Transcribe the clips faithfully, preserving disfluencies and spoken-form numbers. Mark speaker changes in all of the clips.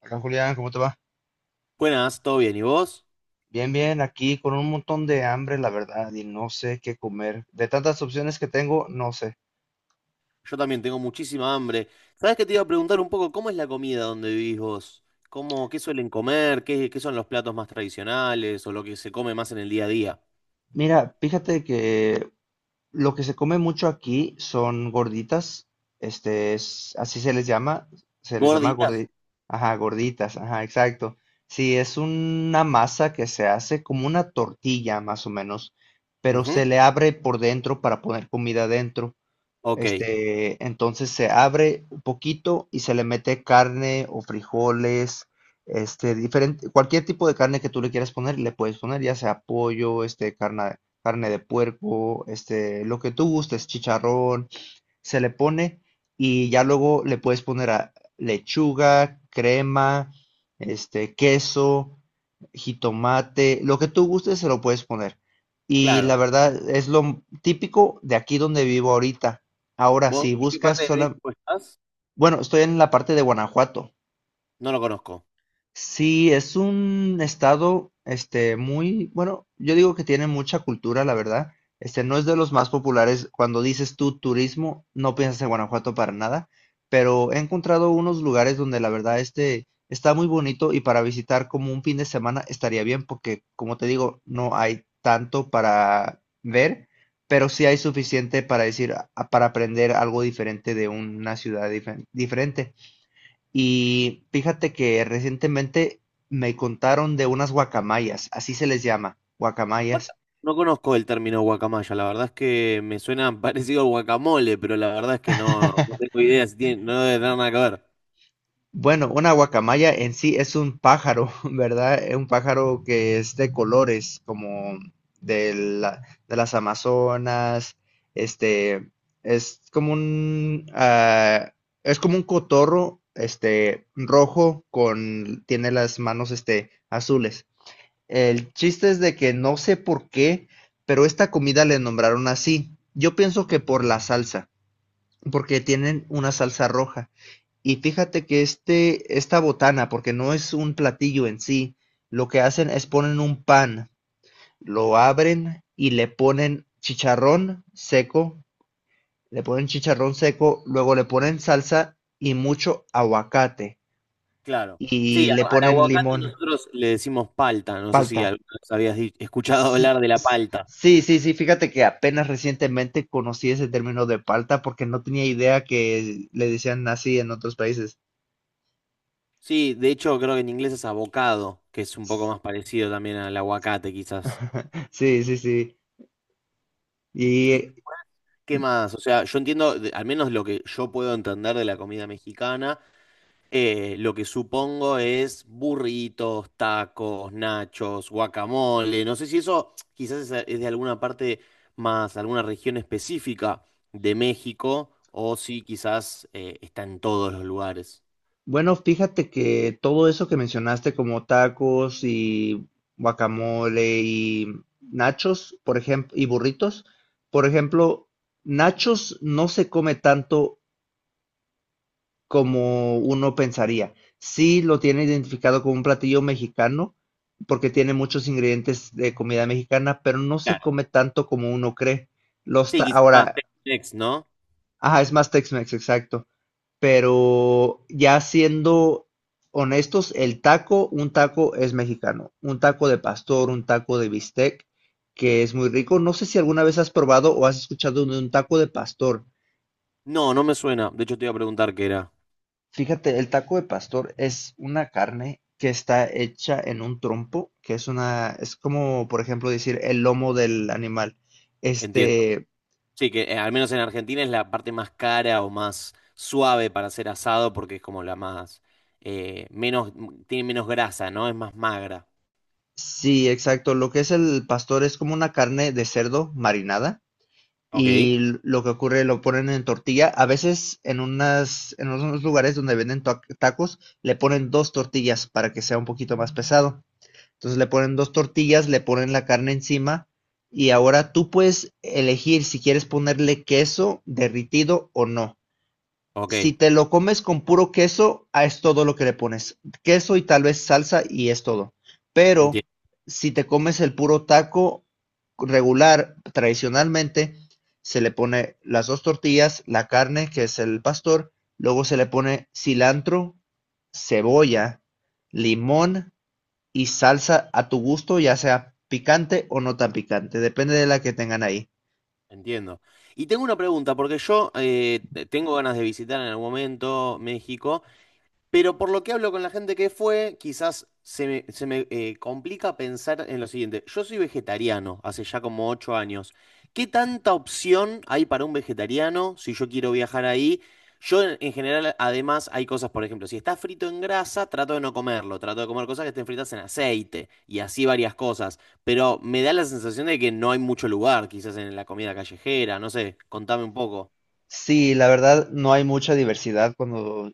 Speaker 1: Acá Julián, ¿cómo te va?
Speaker 2: Buenas, ¿todo bien? ¿Y vos?
Speaker 1: Bien, bien, aquí con un montón de hambre, la verdad, y no sé qué comer. De tantas opciones que tengo, no sé.
Speaker 2: Yo también tengo muchísima hambre. ¿Sabés que te iba a preguntar un poco cómo es la comida donde vivís vos? ¿Cómo, qué suelen comer? ¿Qué, qué son los platos más tradicionales o lo que se come más en el día a día?
Speaker 1: Mira, fíjate que lo que se come mucho aquí son gorditas, este es, así se les llama, se les llama
Speaker 2: ¿Gorditas?
Speaker 1: gordi. Ajá, gorditas, ajá, exacto. Sí, es una masa que se hace como una tortilla, más o menos, pero
Speaker 2: Ujú.
Speaker 1: se le abre por dentro para poner comida dentro.
Speaker 2: Ok,
Speaker 1: Este, entonces se abre un poquito y se le mete carne o frijoles, este, diferente, cualquier tipo de carne que tú le quieras poner, le puedes poner, ya sea pollo, este, carne, carne de puerco, este, lo que tú gustes, chicharrón, se le pone y ya luego le puedes poner a lechuga, crema, este, queso, jitomate, lo que tú gustes se lo puedes poner. Y
Speaker 2: claro.
Speaker 1: la verdad es lo típico de aquí donde vivo ahorita. Ahora,
Speaker 2: ¿Vos
Speaker 1: si
Speaker 2: en qué
Speaker 1: buscas
Speaker 2: parte de
Speaker 1: sola,
Speaker 2: México estás?
Speaker 1: bueno, estoy en la parte de Guanajuato.
Speaker 2: No lo conozco.
Speaker 1: Sí, es un estado, este, muy, bueno, yo digo que tiene mucha cultura, la verdad. Este, no es de los más populares. Cuando dices tú turismo, no piensas en Guanajuato para nada, pero he encontrado unos lugares donde la verdad, este, está muy bonito y para visitar como un fin de semana estaría bien porque, como te digo, no hay tanto para ver, pero sí hay suficiente para decir, a- para aprender algo diferente de una ciudad dife- diferente. Y fíjate que recientemente me contaron de unas guacamayas, así se les llama, guacamayas.
Speaker 2: Guaca- No conozco el término guacamaya. La verdad es que me suena parecido al guacamole, pero la verdad es que no, no tengo idea si tiene, no debe tener nada que ver.
Speaker 1: Bueno, una guacamaya en sí es un pájaro, ¿verdad? Es un pájaro que es de colores, como de la- de las Amazonas, este, es como un, ah, es como un cotorro, este, rojo con, tiene las manos, este, azules. El chiste es de que no sé por qué, pero esta comida le nombraron así. Yo pienso que por la salsa, porque tienen una salsa roja. Y fíjate que este, esta botana, porque no es un platillo en sí, lo que hacen es ponen un pan, lo abren y le ponen chicharrón seco, le ponen chicharrón seco, luego le ponen salsa y mucho aguacate
Speaker 2: Claro. Sí,
Speaker 1: y
Speaker 2: a-
Speaker 1: le
Speaker 2: al
Speaker 1: ponen
Speaker 2: aguacate
Speaker 1: limón,
Speaker 2: nosotros le decimos palta. No sé si
Speaker 1: palta.
Speaker 2: alguna vez habías di- escuchado
Speaker 1: Sí,
Speaker 2: hablar de la
Speaker 1: s-
Speaker 2: palta.
Speaker 1: sí, sí, sí, fíjate que apenas recientemente conocí ese término de palta porque no tenía idea que le decían así en otros países.
Speaker 2: Sí, de hecho creo que en inglés es avocado, que es un poco más parecido también al aguacate quizás.
Speaker 1: Sí, sí, sí. Y
Speaker 2: ¿Y
Speaker 1: eh,
Speaker 2: qué más? O sea, yo entiendo, de- al menos lo que yo puedo entender de la comida mexicana. Eh, lo que supongo es burritos, tacos, nachos, guacamole. No sé si eso quizás es, es de alguna parte más, alguna región específica de México, o si quizás eh, está en todos los lugares.
Speaker 1: bueno, fíjate que todo eso que mencionaste como tacos y guacamole y nachos, por ejemplo, y burritos, por ejemplo, nachos no se come tanto como uno pensaría. Sí lo tiene identificado como un platillo mexicano, porque tiene muchos ingredientes de comida mexicana, pero no se
Speaker 2: Claro.
Speaker 1: come tanto como uno cree. Los
Speaker 2: Sí,
Speaker 1: ta-
Speaker 2: quizás más
Speaker 1: Ahora,
Speaker 2: Tex-Mex, ¿no?
Speaker 1: ajá, es más Tex-Mex, exacto. Pero ya siendo honestos, el taco, un taco es mexicano. Un taco de pastor, un taco de bistec, que es muy rico. No sé si alguna vez has probado o has escuchado de un taco de pastor.
Speaker 2: No, no me suena. De hecho, te iba a preguntar qué era.
Speaker 1: Fíjate, el taco de pastor es una carne que está hecha en un trompo, que es una, es como, por ejemplo, decir el lomo del animal.
Speaker 2: Entiendo.
Speaker 1: Este,
Speaker 2: Sí, que eh, al menos en Argentina es la parte más cara o más suave para hacer asado porque es como la más, eh, menos, tiene menos grasa, ¿no? Es más magra.
Speaker 1: sí, exacto. Lo que es el pastor es como una carne de cerdo marinada
Speaker 2: Ok.
Speaker 1: y l- lo que ocurre lo ponen en tortilla. A veces en unas, en unos lugares donde venden ta- tacos le ponen dos tortillas para que sea un poquito más pesado. Entonces le ponen dos tortillas, le ponen la carne encima y ahora tú puedes elegir si quieres ponerle queso derritido o no.
Speaker 2: Ok,
Speaker 1: Si te lo comes con puro queso, ah, es todo lo que le pones. Queso y tal vez salsa y es todo. Pero
Speaker 2: enti-
Speaker 1: si te comes el puro taco regular, tradicionalmente, se le pone las dos tortillas, la carne, que es el pastor, luego se le pone cilantro, cebolla, limón y salsa a tu gusto, ya sea picante o no tan picante, depende de la que tengan ahí.
Speaker 2: entiendo. Y tengo una pregunta, porque yo eh, te- tengo ganas de visitar en algún momento México. Pero por lo que hablo con la gente que fue, quizás se me, se me, eh, complica pensar en lo siguiente. Yo soy vegetariano hace ya como ocho años. ¿Qué tanta opción hay para un vegetariano si yo quiero viajar ahí? Yo en, en general, además, hay cosas, por ejemplo, si está frito en grasa, trato de no comerlo, trato de comer cosas que estén fritas en aceite y así varias cosas. Pero me da la sensación de que no hay mucho lugar, quizás en la comida callejera, no sé, contame un poco.
Speaker 1: Sí, la verdad no hay mucha diversidad cuando,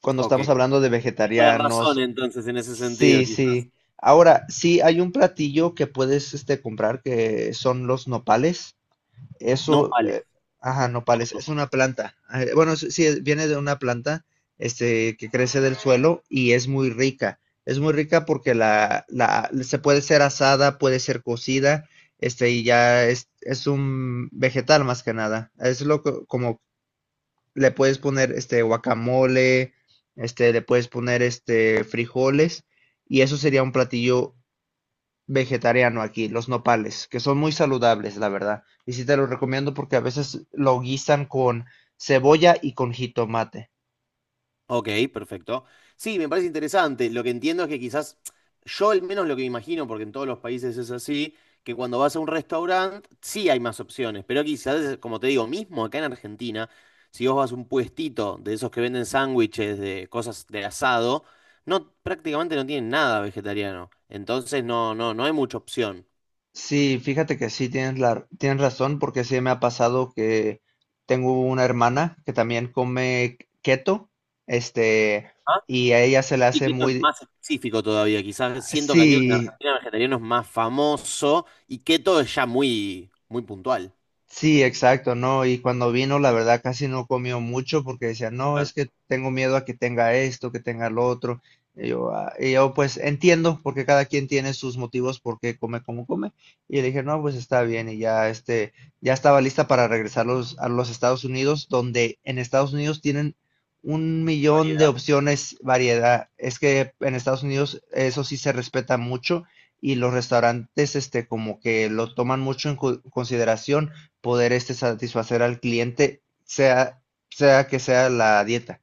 Speaker 1: cuando
Speaker 2: Ok.
Speaker 1: estamos hablando de
Speaker 2: Tengo la razón
Speaker 1: vegetarianos.
Speaker 2: entonces en ese sentido,
Speaker 1: Sí,
Speaker 2: quizás.
Speaker 1: sí. Ahora, sí hay un platillo que puedes este, comprar que son los nopales.
Speaker 2: No
Speaker 1: Eso,
Speaker 2: vale.
Speaker 1: eh, ajá, nopales, es una planta. Eh, Bueno, sí, sí, es- viene de una planta este, que crece del suelo y es muy rica. Es muy rica porque la, la, se puede ser asada, puede ser cocida, este, y ya es, es un vegetal más que nada. Es lo co- como le puedes poner este guacamole, este, le puedes poner este frijoles, y eso sería un platillo vegetariano aquí, los nopales, que son muy saludables, la verdad. Y sí te los recomiendo porque a veces lo guisan con cebolla y con jitomate.
Speaker 2: Ok, perfecto. Sí, me parece interesante. Lo que entiendo es que quizás, yo al menos lo que me imagino, porque en todos los países es así, que cuando vas a un restaurante sí hay más opciones, pero quizás, como te digo, mismo acá en Argentina, si vos vas a un puestito de esos que venden sándwiches de cosas de asado, no, prácticamente no tienen nada vegetariano. Entonces no, no, no hay mucha opción.
Speaker 1: Sí, fíjate que sí tienes la, tienes razón porque sí me ha pasado que tengo una hermana que también come keto, este,
Speaker 2: Ah.
Speaker 1: y a ella se le
Speaker 2: Y
Speaker 1: hace
Speaker 2: que esto es
Speaker 1: muy,
Speaker 2: más específico todavía, quizás siento que al menos en
Speaker 1: sí,
Speaker 2: Argentina el vegetariano es más famoso y keto es ya muy, muy puntual.
Speaker 1: sí, exacto, ¿no? Y cuando vino, la verdad, casi no comió mucho porque decía, no, es que tengo miedo a que tenga esto, que tenga lo otro. Y yo, "Ah", y yo, pues entiendo, porque cada quien tiene sus motivos por qué come como come. Y le dije, no, pues está bien. Y ya, este, ya estaba lista para regresar los- a los Estados Unidos, donde en Estados Unidos tienen un millón de
Speaker 2: Variedad.
Speaker 1: opciones, variedad. Es que en Estados Unidos eso sí se respeta mucho y los restaurantes, este, como que lo toman mucho en cu- consideración poder este satisfacer al cliente, sea, sea que sea la dieta.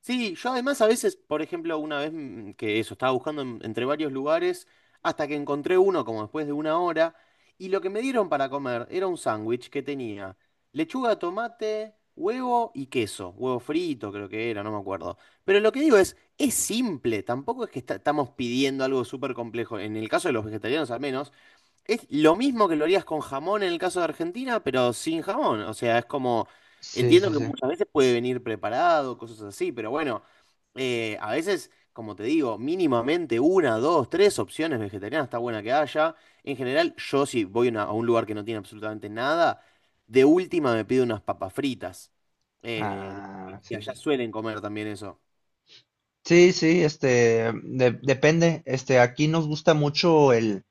Speaker 2: Sí, yo además a veces, por ejemplo, una vez mm, que eso, estaba buscando en- entre varios lugares hasta que encontré uno como después de una hora y lo que me dieron para comer era un sándwich que tenía lechuga, tomate, huevo y queso, huevo frito creo que era, no me acuerdo. Pero lo que digo es, es simple, tampoco es que esta- estamos pidiendo algo súper complejo, en el caso de los vegetarianos al menos. Es lo mismo que lo harías con jamón en el caso de Argentina, pero sin jamón. O sea, es como,
Speaker 1: Sí,
Speaker 2: entiendo
Speaker 1: sí,
Speaker 2: que
Speaker 1: sí.
Speaker 2: muchas veces puede venir preparado, cosas así, pero bueno, eh, a veces, como te digo, mínimamente una, dos, tres opciones vegetarianas está buena que haya. En general, yo si voy a una- a un lugar que no tiene absolutamente nada, de última me pido unas papas fritas. Eh,
Speaker 1: Ah,
Speaker 2: que
Speaker 1: sí,
Speaker 2: allá
Speaker 1: sí.
Speaker 2: suelen comer también eso.
Speaker 1: Sí, sí, este, de- depende. Este, aquí nos gusta mucho el,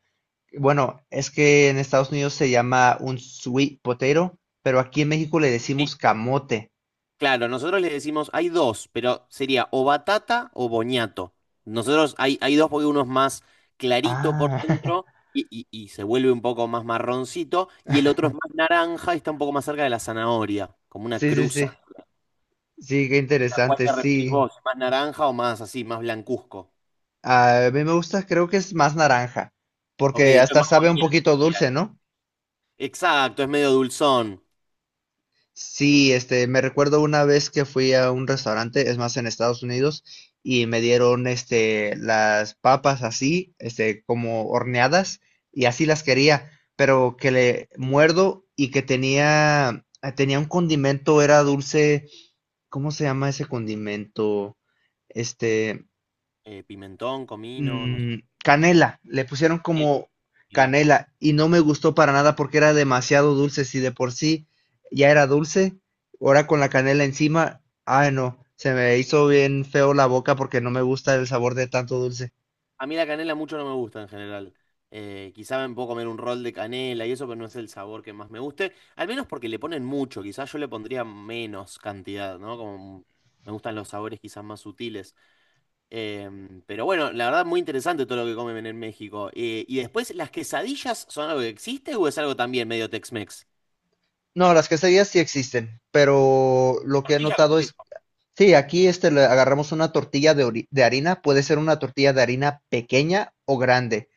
Speaker 1: bueno, es que en Estados Unidos se llama un sweet potato, pero aquí en México le decimos camote.
Speaker 2: Claro, nosotros le decimos, hay dos, pero sería o batata o boñato. Nosotros hay, hay dos porque uno es más clarito por
Speaker 1: Ah,
Speaker 2: dentro y, y- y se vuelve un poco más marroncito, y el otro es más naranja y está un poco más cerca de la zanahoria, como una
Speaker 1: sí, sí,
Speaker 2: cruza.
Speaker 1: sí. Sí, qué
Speaker 2: ¿A cuál
Speaker 1: interesante,
Speaker 2: te referís
Speaker 1: sí.
Speaker 2: vos? ¿Más naranja o más así, más blancuzco?
Speaker 1: Ah, a mí me gusta, creo que es más naranja,
Speaker 2: Ok,
Speaker 1: porque
Speaker 2: entonces
Speaker 1: hasta
Speaker 2: más
Speaker 1: sabe un
Speaker 2: boñato
Speaker 1: poquito
Speaker 2: sería.
Speaker 1: dulce, ¿no?
Speaker 2: Exacto, es medio dulzón.
Speaker 1: Sí, este, me recuerdo una vez que fui a un restaurante, es más, en Estados Unidos, y me dieron, este, las papas así, este, como horneadas, y así las quería, pero que le muerdo y que tenía, eh, tenía un condimento, era dulce, ¿cómo se llama ese condimento? Este,
Speaker 2: Eh, pimentón, comino, no sé.
Speaker 1: mm, canela, le pusieron como
Speaker 2: Mirá.
Speaker 1: canela y no me gustó para nada porque era demasiado dulce, si de por sí ya era dulce, ahora con la canela encima, ay no, se me hizo bien feo la boca porque no me gusta el sabor de tanto dulce.
Speaker 2: A mí la canela mucho no me gusta en general. Eh, quizá me puedo comer un rol de canela y eso, pero no es el sabor que más me guste. Al menos porque le ponen mucho, quizás yo le pondría menos cantidad, ¿no? Como me gustan los sabores quizás más sutiles. Eh, pero bueno, la verdad muy interesante todo lo que comen en México. Eh, y después, ¿las quesadillas son algo que existe o es algo también medio Tex-Mex?
Speaker 1: No, las quesadillas sí existen, pero lo que he
Speaker 2: Tortilla con
Speaker 1: notado es,
Speaker 2: queso.
Speaker 1: sí, aquí este le agarramos una tortilla de, ori- de harina, puede ser una tortilla de harina pequeña o grande,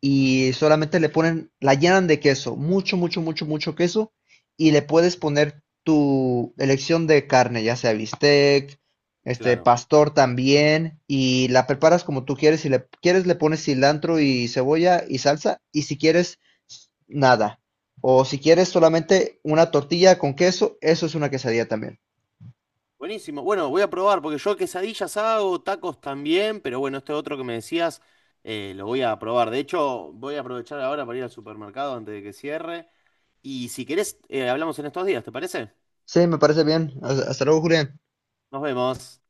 Speaker 1: y solamente le ponen, la llenan de queso, mucho, mucho, mucho, mucho queso, y le puedes poner tu elección de carne, ya sea bistec, este
Speaker 2: Claro.
Speaker 1: pastor también, y la preparas como tú quieres, si le quieres le pones cilantro y cebolla y salsa, y si quieres nada. O si quieres solamente una tortilla con queso, eso es una quesadilla también.
Speaker 2: Buenísimo. Bueno, voy a probar porque yo quesadillas hago, tacos también, pero bueno, este otro que me decías eh, lo voy a probar. De hecho, voy a aprovechar ahora para ir al supermercado antes de que cierre. Y si querés, eh, hablamos en estos días, ¿te parece?
Speaker 1: Sí, me parece bien. Hasta hasta luego, Julián.
Speaker 2: Nos vemos.